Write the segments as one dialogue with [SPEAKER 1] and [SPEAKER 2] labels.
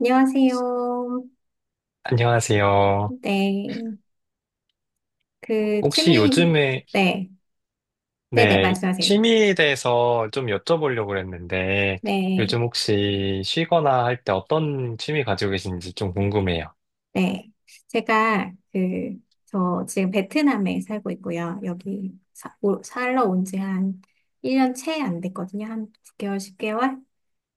[SPEAKER 1] 안녕하세요.
[SPEAKER 2] 안녕하세요.
[SPEAKER 1] 네. 그,
[SPEAKER 2] 혹시
[SPEAKER 1] 취미,
[SPEAKER 2] 요즘에,
[SPEAKER 1] 네. 네네,
[SPEAKER 2] 네,
[SPEAKER 1] 말씀하세요.
[SPEAKER 2] 취미에 대해서 좀 여쭤보려고 그랬는데,
[SPEAKER 1] 네.
[SPEAKER 2] 요즘 혹시 쉬거나 할 때 어떤 취미 가지고 계신지 좀 궁금해요.
[SPEAKER 1] 네. 제가, 저 지금 베트남에 살고 있고요. 여기 살러 온 지 한 1년 채 안 됐거든요. 한 9개월 10개월?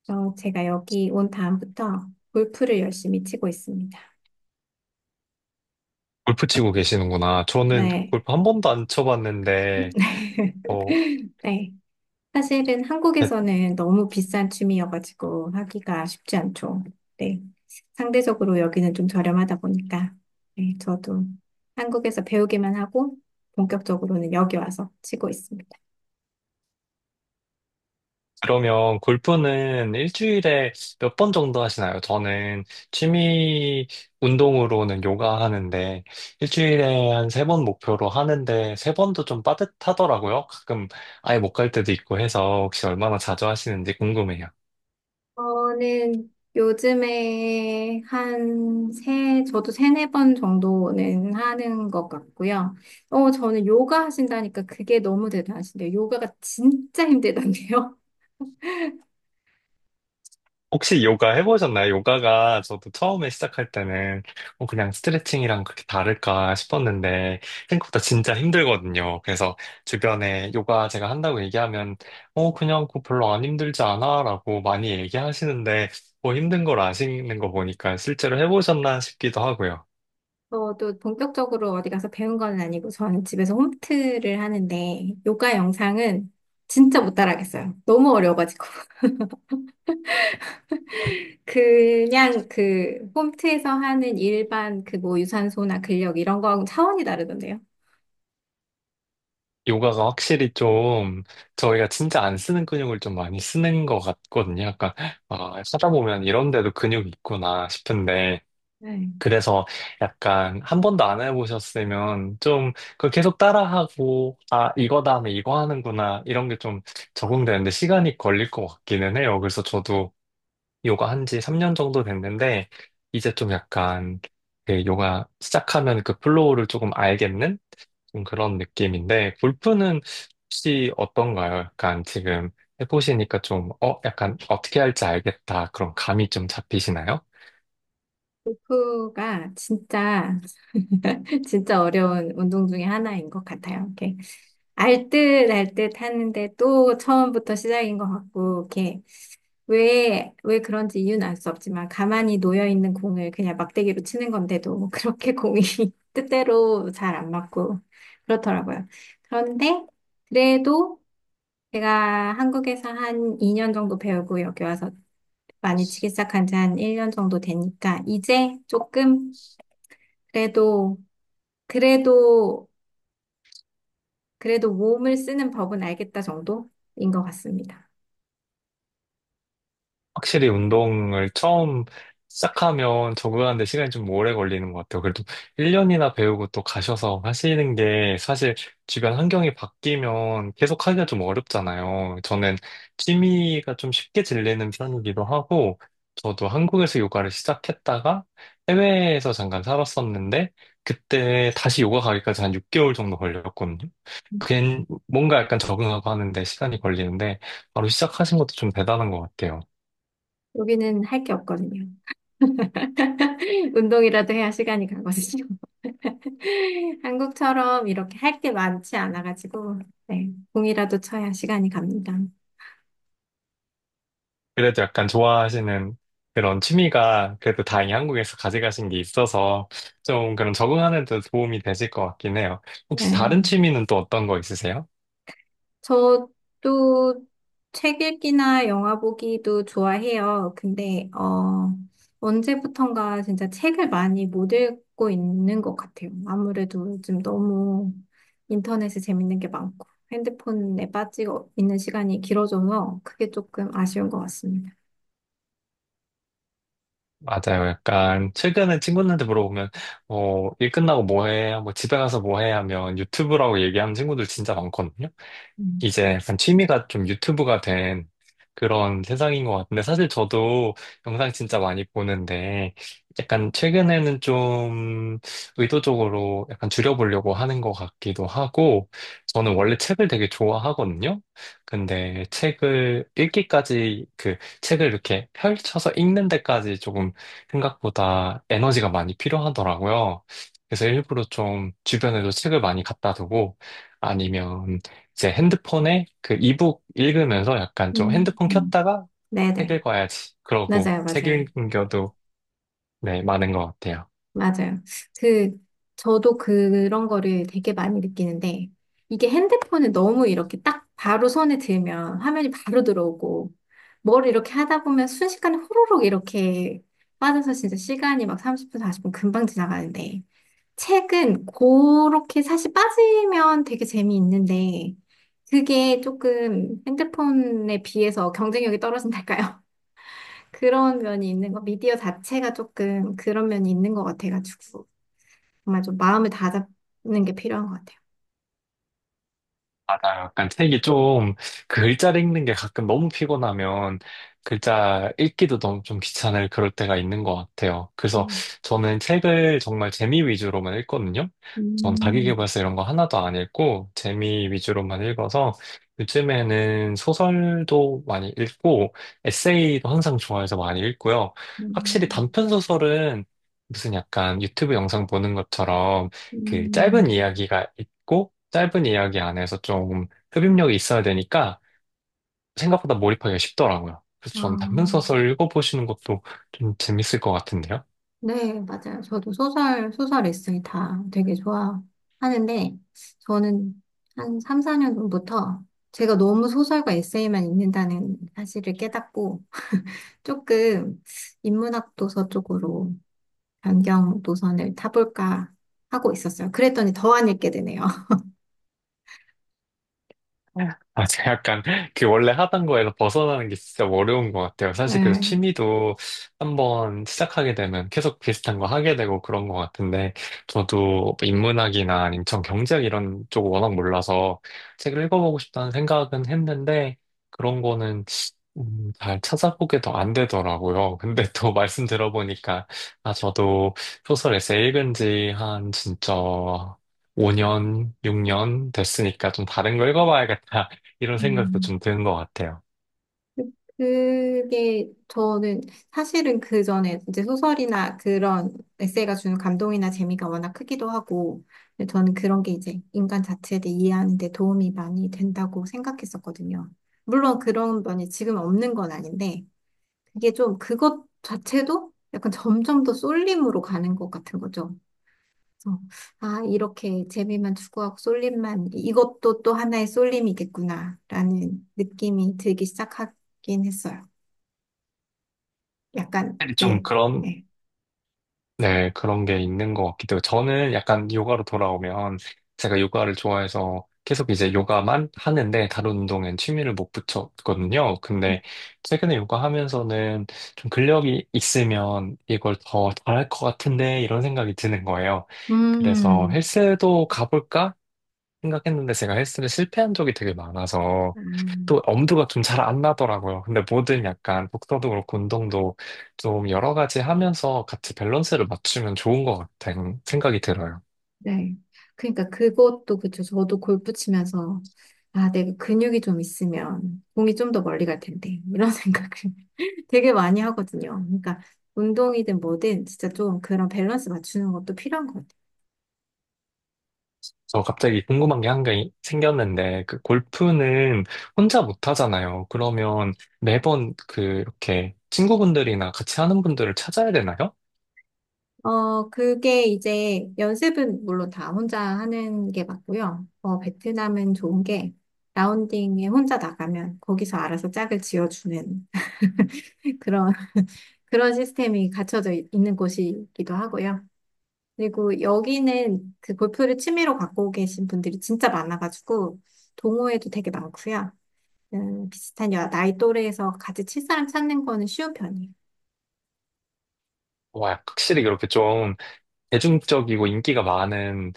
[SPEAKER 1] 제가 여기 온 다음부터 골프를 열심히 치고 있습니다.
[SPEAKER 2] 골프 치고 계시는구나. 저는
[SPEAKER 1] 네.
[SPEAKER 2] 골프 한 번도 안 쳐봤는데, 어,
[SPEAKER 1] 네. 사실은 한국에서는 너무 비싼 춤이어가지고 하기가 쉽지 않죠. 네. 상대적으로 여기는 좀 저렴하다 보니까, 네, 저도 한국에서 배우기만 하고, 본격적으로는 여기 와서 치고 있습니다.
[SPEAKER 2] 그러면 골프는 일주일에 몇 번 정도 하시나요? 저는 취미 운동으로는 요가 하는데 일주일에 한 세 번 목표로 하는데 세 번도 좀 빠듯하더라고요. 가끔 아예 못 갈 때도 있고 해서 혹시 얼마나 자주 하시는지 궁금해요.
[SPEAKER 1] 저는 요즘에 저도 세네 번 정도는 하는 것 같고요. 저는 요가 하신다니까 그게 너무 대단하신데요. 요가가 진짜 힘들던데요.
[SPEAKER 2] 혹시 요가 해보셨나요? 요가가 저도 처음에 시작할 때는 그냥 스트레칭이랑 그렇게 다를까 싶었는데 생각보다 진짜 힘들거든요. 그래서 주변에 요가 제가 한다고 얘기하면 그냥 그거 별로 안 힘들지 않아 라고 많이 얘기하시는데 뭐 힘든 걸 아시는 거 보니까 실제로 해보셨나 싶기도 하고요.
[SPEAKER 1] 저도 본격적으로 어디 가서 배운 건 아니고 저는 집에서 홈트를 하는데 요가 영상은 진짜 못 따라하겠어요. 너무 어려워가지고. 그냥 그 홈트에서 하는 일반 그 뭐 유산소나 근력 이런 거하고 차원이 다르던데요.
[SPEAKER 2] 요가가 확실히 좀 저희가 진짜 안 쓰는 근육을 좀 많이 쓰는 것 같거든요. 약간 아, 하다 보면 이런 데도 근육이 있구나 싶은데
[SPEAKER 1] 네.
[SPEAKER 2] 그래서 약간 한 번도 안 해보셨으면 좀 그걸 계속 따라하고, 아, 이거 다음에 이거 하는구나, 이런 게 좀 적응되는데 시간이 걸릴 것 같기는 해요. 그래서 저도 요가 한 지 3년 정도 됐는데, 이제 좀 약간 그 요가 시작하면 그 플로우를 조금 알겠는 좀 그런 느낌인데, 골프는 혹시 어떤가요? 약간 지금 해보시니까 좀, 약간 어떻게 할지 알겠다. 그런 감이 좀 잡히시나요?
[SPEAKER 1] 그가 진짜 진짜 어려운 운동 중에 하나인 것 같아요. 이렇게 알듯 알듯 하는데 또 처음부터 시작인 것 같고 이렇게 왜 그런지 이유는 알 수 없지만 가만히 놓여 있는 공을 그냥 막대기로 치는 건데도 뭐 그렇게 공이 뜻대로 잘 안 맞고 그렇더라고요. 그런데 그래도 제가 한국에서 한 2년 정도 배우고 여기 와서 많이 치기 시작한 지 한 1년 정도 되니까 이제 조금 그래도 그래도 그래도 몸을 쓰는 법은 알겠다 정도인 것 같습니다.
[SPEAKER 2] 확실히 운동을 처음 시작하면 적응하는데 시간이 좀 오래 걸리는 것 같아요. 그래도 1년이나 배우고 또 가셔서 하시는 게 사실 주변 환경이 바뀌면 계속 하기가 좀 어렵잖아요. 저는 취미가 좀 쉽게 질리는 편이기도 하고, 저도 한국에서 요가를 시작했다가 해외에서 잠깐 살았었는데, 그때 다시 요가 가기까지 한 6개월 정도 걸렸거든요. 그게 뭔가 약간 적응하고 하는데 시간이 걸리는데, 바로 시작하신 것도 좀 대단한 것 같아요.
[SPEAKER 1] 여기는 할 게 없거든요. 운동이라도 해야 시간이 가거든요. 한국처럼 이렇게 할 게 많지 않아가지고, 네, 공이라도 쳐야 시간이 갑니다.
[SPEAKER 2] 그래도 약간 좋아하시는 그런 취미가 그래도 다행히 한국에서 가져가신 게 있어서 좀 그런 적응하는 데 도움이 되실 것 같긴 해요. 혹시
[SPEAKER 1] 네.
[SPEAKER 2] 다른 취미는 또 어떤 거 있으세요?
[SPEAKER 1] 저도 책 읽기나 영화 보기도 좋아해요. 근데, 언제부턴가 진짜 책을 많이 못 읽고 있는 것 같아요. 아무래도 요즘 너무 인터넷에 재밌는 게 많고 핸드폰에 빠지고 있는 시간이 길어져서 그게 조금 아쉬운 것 같습니다.
[SPEAKER 2] 맞아요. 약간 최근에 친구들한테 물어보면 일 끝나고 뭐 해? 뭐 집에 가서 뭐 해? 하면 유튜브라고 얘기하는 친구들 진짜 많거든요.
[SPEAKER 1] 음.
[SPEAKER 2] 이제 약간 취미가 좀 유튜브가 된 그런 세상인 것 같은데, 사실 저도 영상 진짜 많이 보는데, 약간 최근에는 좀 의도적으로 약간 줄여보려고 하는 것 같기도 하고, 저는 원래 책을 되게 좋아하거든요? 근데 책을 읽기까지, 그 책을 이렇게 펼쳐서 읽는 데까지 조금 생각보다 에너지가 많이 필요하더라고요. 그래서 일부러 좀 주변에도 책을 많이 갖다 두고, 아니면 이제 핸드폰에 그 이북 읽으면서 약간 좀
[SPEAKER 1] 음.
[SPEAKER 2] 핸드폰
[SPEAKER 1] 음.
[SPEAKER 2] 켰다가 책
[SPEAKER 1] 네네.
[SPEAKER 2] 읽어야지. 그러고
[SPEAKER 1] 맞아요,
[SPEAKER 2] 책
[SPEAKER 1] 맞아요.
[SPEAKER 2] 읽는 경우도 네, 많은 것 같아요.
[SPEAKER 1] 맞아요. 그, 저도 그런 거를 되게 많이 느끼는데, 이게 핸드폰을 너무 이렇게 딱 바로 손에 들면 화면이 바로 들어오고, 뭘 이렇게 하다 보면 순식간에 호로록 이렇게 빠져서 진짜 시간이 막 30분, 40분 금방 지나가는데, 책은 그렇게 사실 빠지면 되게 재미있는데, 그게 조금 핸드폰에 비해서 경쟁력이 떨어진달까요? 그런 면이 있는 거, 미디어 자체가 조금 그런 면이 있는 것 같아가지고. 정말 좀 마음을 다잡는 게 필요한 것 같아요.
[SPEAKER 2] 아, 약간 책이 좀, 그 글자를 읽는 게 가끔 너무 피곤하면, 글자 읽기도 너무 좀 귀찮을 그럴 때가 있는 것 같아요. 그래서
[SPEAKER 1] 음.
[SPEAKER 2] 저는 책을 정말 재미 위주로만 읽거든요. 전
[SPEAKER 1] 음,
[SPEAKER 2] 자기계발서 이런 거 하나도 안 읽고, 재미 위주로만 읽어서, 요즘에는 소설도 많이 읽고, 에세이도 항상 좋아해서 많이 읽고요. 확실히
[SPEAKER 1] 음,
[SPEAKER 2] 단편 소설은 무슨 약간 유튜브 영상 보는 것처럼, 그 짧은
[SPEAKER 1] 음.
[SPEAKER 2] 이야기가 있고, 짧은 이야기 안에서 좀 흡입력이 있어야 되니까 생각보다 몰입하기가 쉽더라고요. 그래서
[SPEAKER 1] 아,
[SPEAKER 2] 전 단편 소설 읽어보시는 것도 좀 재밌을 것 같은데요.
[SPEAKER 1] 네, 맞아요. 저도 소설, 에세이 다 되게 좋아하는데, 저는 한 3, 4년 전부터 제가 너무 소설과 에세이만 읽는다는 사실을 깨닫고, 조금 인문학 도서 쪽으로 변경 노선을 타볼까 하고 있었어요. 그랬더니 더 안 읽게 되네요.
[SPEAKER 2] 아, 제가 약간 그 원래 하던 거에서 벗어나는 게 진짜 어려운 것 같아요. 사실 그래서
[SPEAKER 1] 네.
[SPEAKER 2] 취미도 한번 시작하게 되면 계속 비슷한 거 하게 되고 그런 것 같은데 저도 인문학이나 인천 경제학 이런 쪽 워낙 몰라서 책을 읽어보고 싶다는 생각은 했는데 그런 거는 잘 찾아보게 더 안 되더라고요. 근데 또 말씀 들어보니까 아, 저도 소설 에세이 읽은 지 한 진짜 5년, 6년 됐으니까 좀 다른 거 읽어봐야겠다. 이런 생각도
[SPEAKER 1] 음.
[SPEAKER 2] 좀 드는 것 같아요.
[SPEAKER 1] 그게 저는 사실은 그 전에 이제 소설이나 그런 에세이가 주는 감동이나 재미가 워낙 크기도 하고 근데 저는 그런 게 이제 인간 자체에 대해 이해하는 데 도움이 많이 된다고 생각했었거든요. 물론 그런 면이 지금 없는 건 아닌데 그게 좀 그것 자체도 약간 점점 더 쏠림으로 가는 것 같은 거죠. 그래서 아, 이렇게 재미만 추구하고 쏠림만 이것도 또 하나의 쏠림이겠구나라는 느낌이 들기 시작하긴 했어요. 약간,
[SPEAKER 2] 확실히 좀
[SPEAKER 1] 네.
[SPEAKER 2] 그런,
[SPEAKER 1] 네.
[SPEAKER 2] 네, 그런 게 있는 것 같기도 하고, 저는 약간 요가로 돌아오면, 제가 요가를 좋아해서 계속 이제 요가만 하는데, 다른 운동엔 취미를 못 붙였거든요. 근데 최근에 요가 하면서는 좀 근력이 있으면 이걸 더 잘할 것 같은데, 이런 생각이 드는 거예요. 그래서
[SPEAKER 1] 음,
[SPEAKER 2] 헬스도 가볼까? 생각했는데 제가 헬스를 실패한 적이 되게 많아서
[SPEAKER 1] 아,
[SPEAKER 2] 또 엄두가 좀 잘 안 나더라고요. 근데 뭐든 약간 복서도 그렇고 운동도 좀 여러 가지 하면서 같이 밸런스를 맞추면 좋은 것 같다는 생각이 들어요.
[SPEAKER 1] 네. 그러니까 그것도 그쵸. 저도 골프 치면서, 아, 내가 근육이 좀 있으면 공이 좀 더 멀리 갈 텐데. 이런 생각을 되게 많이 하거든요. 그러니까 운동이든 뭐든 진짜 좀 그런 밸런스 맞추는 것도 필요한 것 같아요.
[SPEAKER 2] 저 갑자기 궁금한 게 한 개 생겼는데 그 골프는 혼자 못 하잖아요. 그러면 매번 그 이렇게 친구분들이나 같이 하는 분들을 찾아야 되나요?
[SPEAKER 1] 그게 이제 연습은 물론 다 혼자 하는 게 맞고요. 베트남은 좋은 게 라운딩에 혼자 나가면 거기서 알아서 짝을 지어주는 그런 그런 시스템이 갖춰져 있는 곳이기도 하고요. 그리고 여기는 그 골프를 취미로 갖고 계신 분들이 진짜 많아가지고 동호회도 되게 많고요. 비슷한 나이 또래에서 같이 칠 사람 찾는 거는 쉬운 편이에요.
[SPEAKER 2] 와, 확실히 그렇게 좀 대중적이고 인기가 많은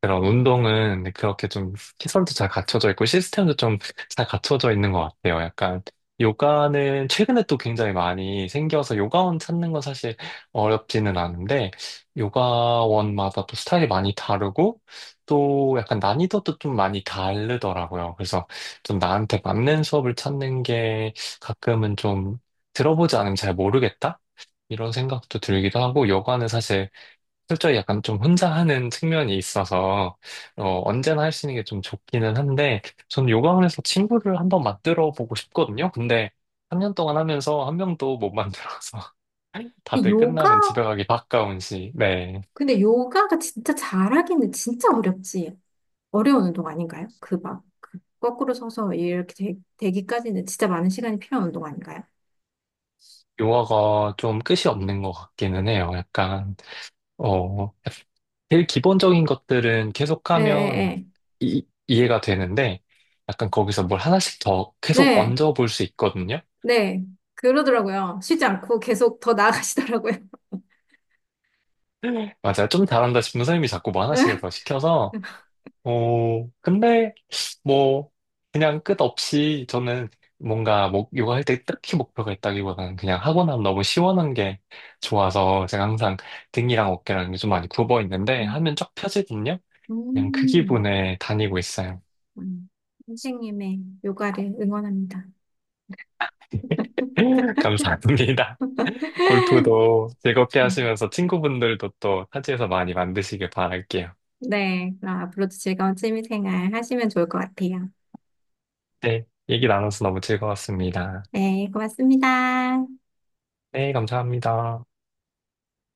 [SPEAKER 2] 그런 운동은 그렇게 좀 시설도 잘 갖춰져 있고 시스템도 좀 잘 갖춰져 있는 것 같아요. 약간 요가는 최근에 또 굉장히 많이 생겨서 요가원 찾는 건 사실 어렵지는 않은데 요가원마다 또 스타일이 많이 다르고 또 약간 난이도도 좀 많이 다르더라고요. 그래서 좀 나한테 맞는 수업을 찾는 게 가끔은 좀 들어보지 않으면 잘 모르겠다? 이런 생각도 들기도 하고 요가는 사실 실제 약간 좀 혼자 하는 측면이 있어서 언제나 할 수 있는 게 좀 좋기는 한데 전 요가원에서 친구를 한번 만들어 보고 싶거든요. 근데 3년 동안 하면서 한 명도 못 만들어서
[SPEAKER 1] 근데
[SPEAKER 2] 다들
[SPEAKER 1] 요가,
[SPEAKER 2] 끝나면 집에 가기 바까운 시. 네.
[SPEAKER 1] 근데 요가가 진짜 잘하기는 진짜 어렵지. 어려운 운동 아닌가요? 그 거꾸로 서서 이렇게 되기까지는 진짜 많은 시간이 필요한 운동 아닌가요?
[SPEAKER 2] 요가가 좀 끝이 없는 것 같기는 해요. 약간 어 제일 기본적인 것들은
[SPEAKER 1] 예, 예,
[SPEAKER 2] 계속하면
[SPEAKER 1] 예.
[SPEAKER 2] 이해가 되는데 약간 거기서 뭘 하나씩 더 계속
[SPEAKER 1] 네,
[SPEAKER 2] 얹어 볼 수 있거든요.
[SPEAKER 1] 네. 그러더라고요. 쉬지 않고 계속 더 나아가시더라고요.
[SPEAKER 2] 맞아. 요 좀 잘한다 싶은 선생님이 자꾸 뭐 하나씩을 더 시켜서, 어, 근데, 뭐, 그냥 끝없이 저는 뭔가 뭐 요가할 때 딱히 목표가 있다기보다는 그냥 하고 나면 너무 시원한 게 좋아서 제가 항상 등이랑 어깨랑 좀 많이 굽어 있는데
[SPEAKER 1] 음,
[SPEAKER 2] 하면 쫙 펴지거든요? 그냥 그
[SPEAKER 1] 음,
[SPEAKER 2] 기분에 다니고 있어요.
[SPEAKER 1] 음. 선생님의 요가를 응원합니다.
[SPEAKER 2] 감사합니다. 골프도 즐겁게
[SPEAKER 1] 음,
[SPEAKER 2] 하시면서 친구분들도 또 타지에서 많이 만드시길 바랄게요.
[SPEAKER 1] 네, 그럼 앞으로도 즐거운 취미생활 하시면 좋을 것 같아요.
[SPEAKER 2] 네, 얘기 나눠서 너무 즐거웠습니다.
[SPEAKER 1] 네, 고맙습니다.
[SPEAKER 2] 네, 감사합니다.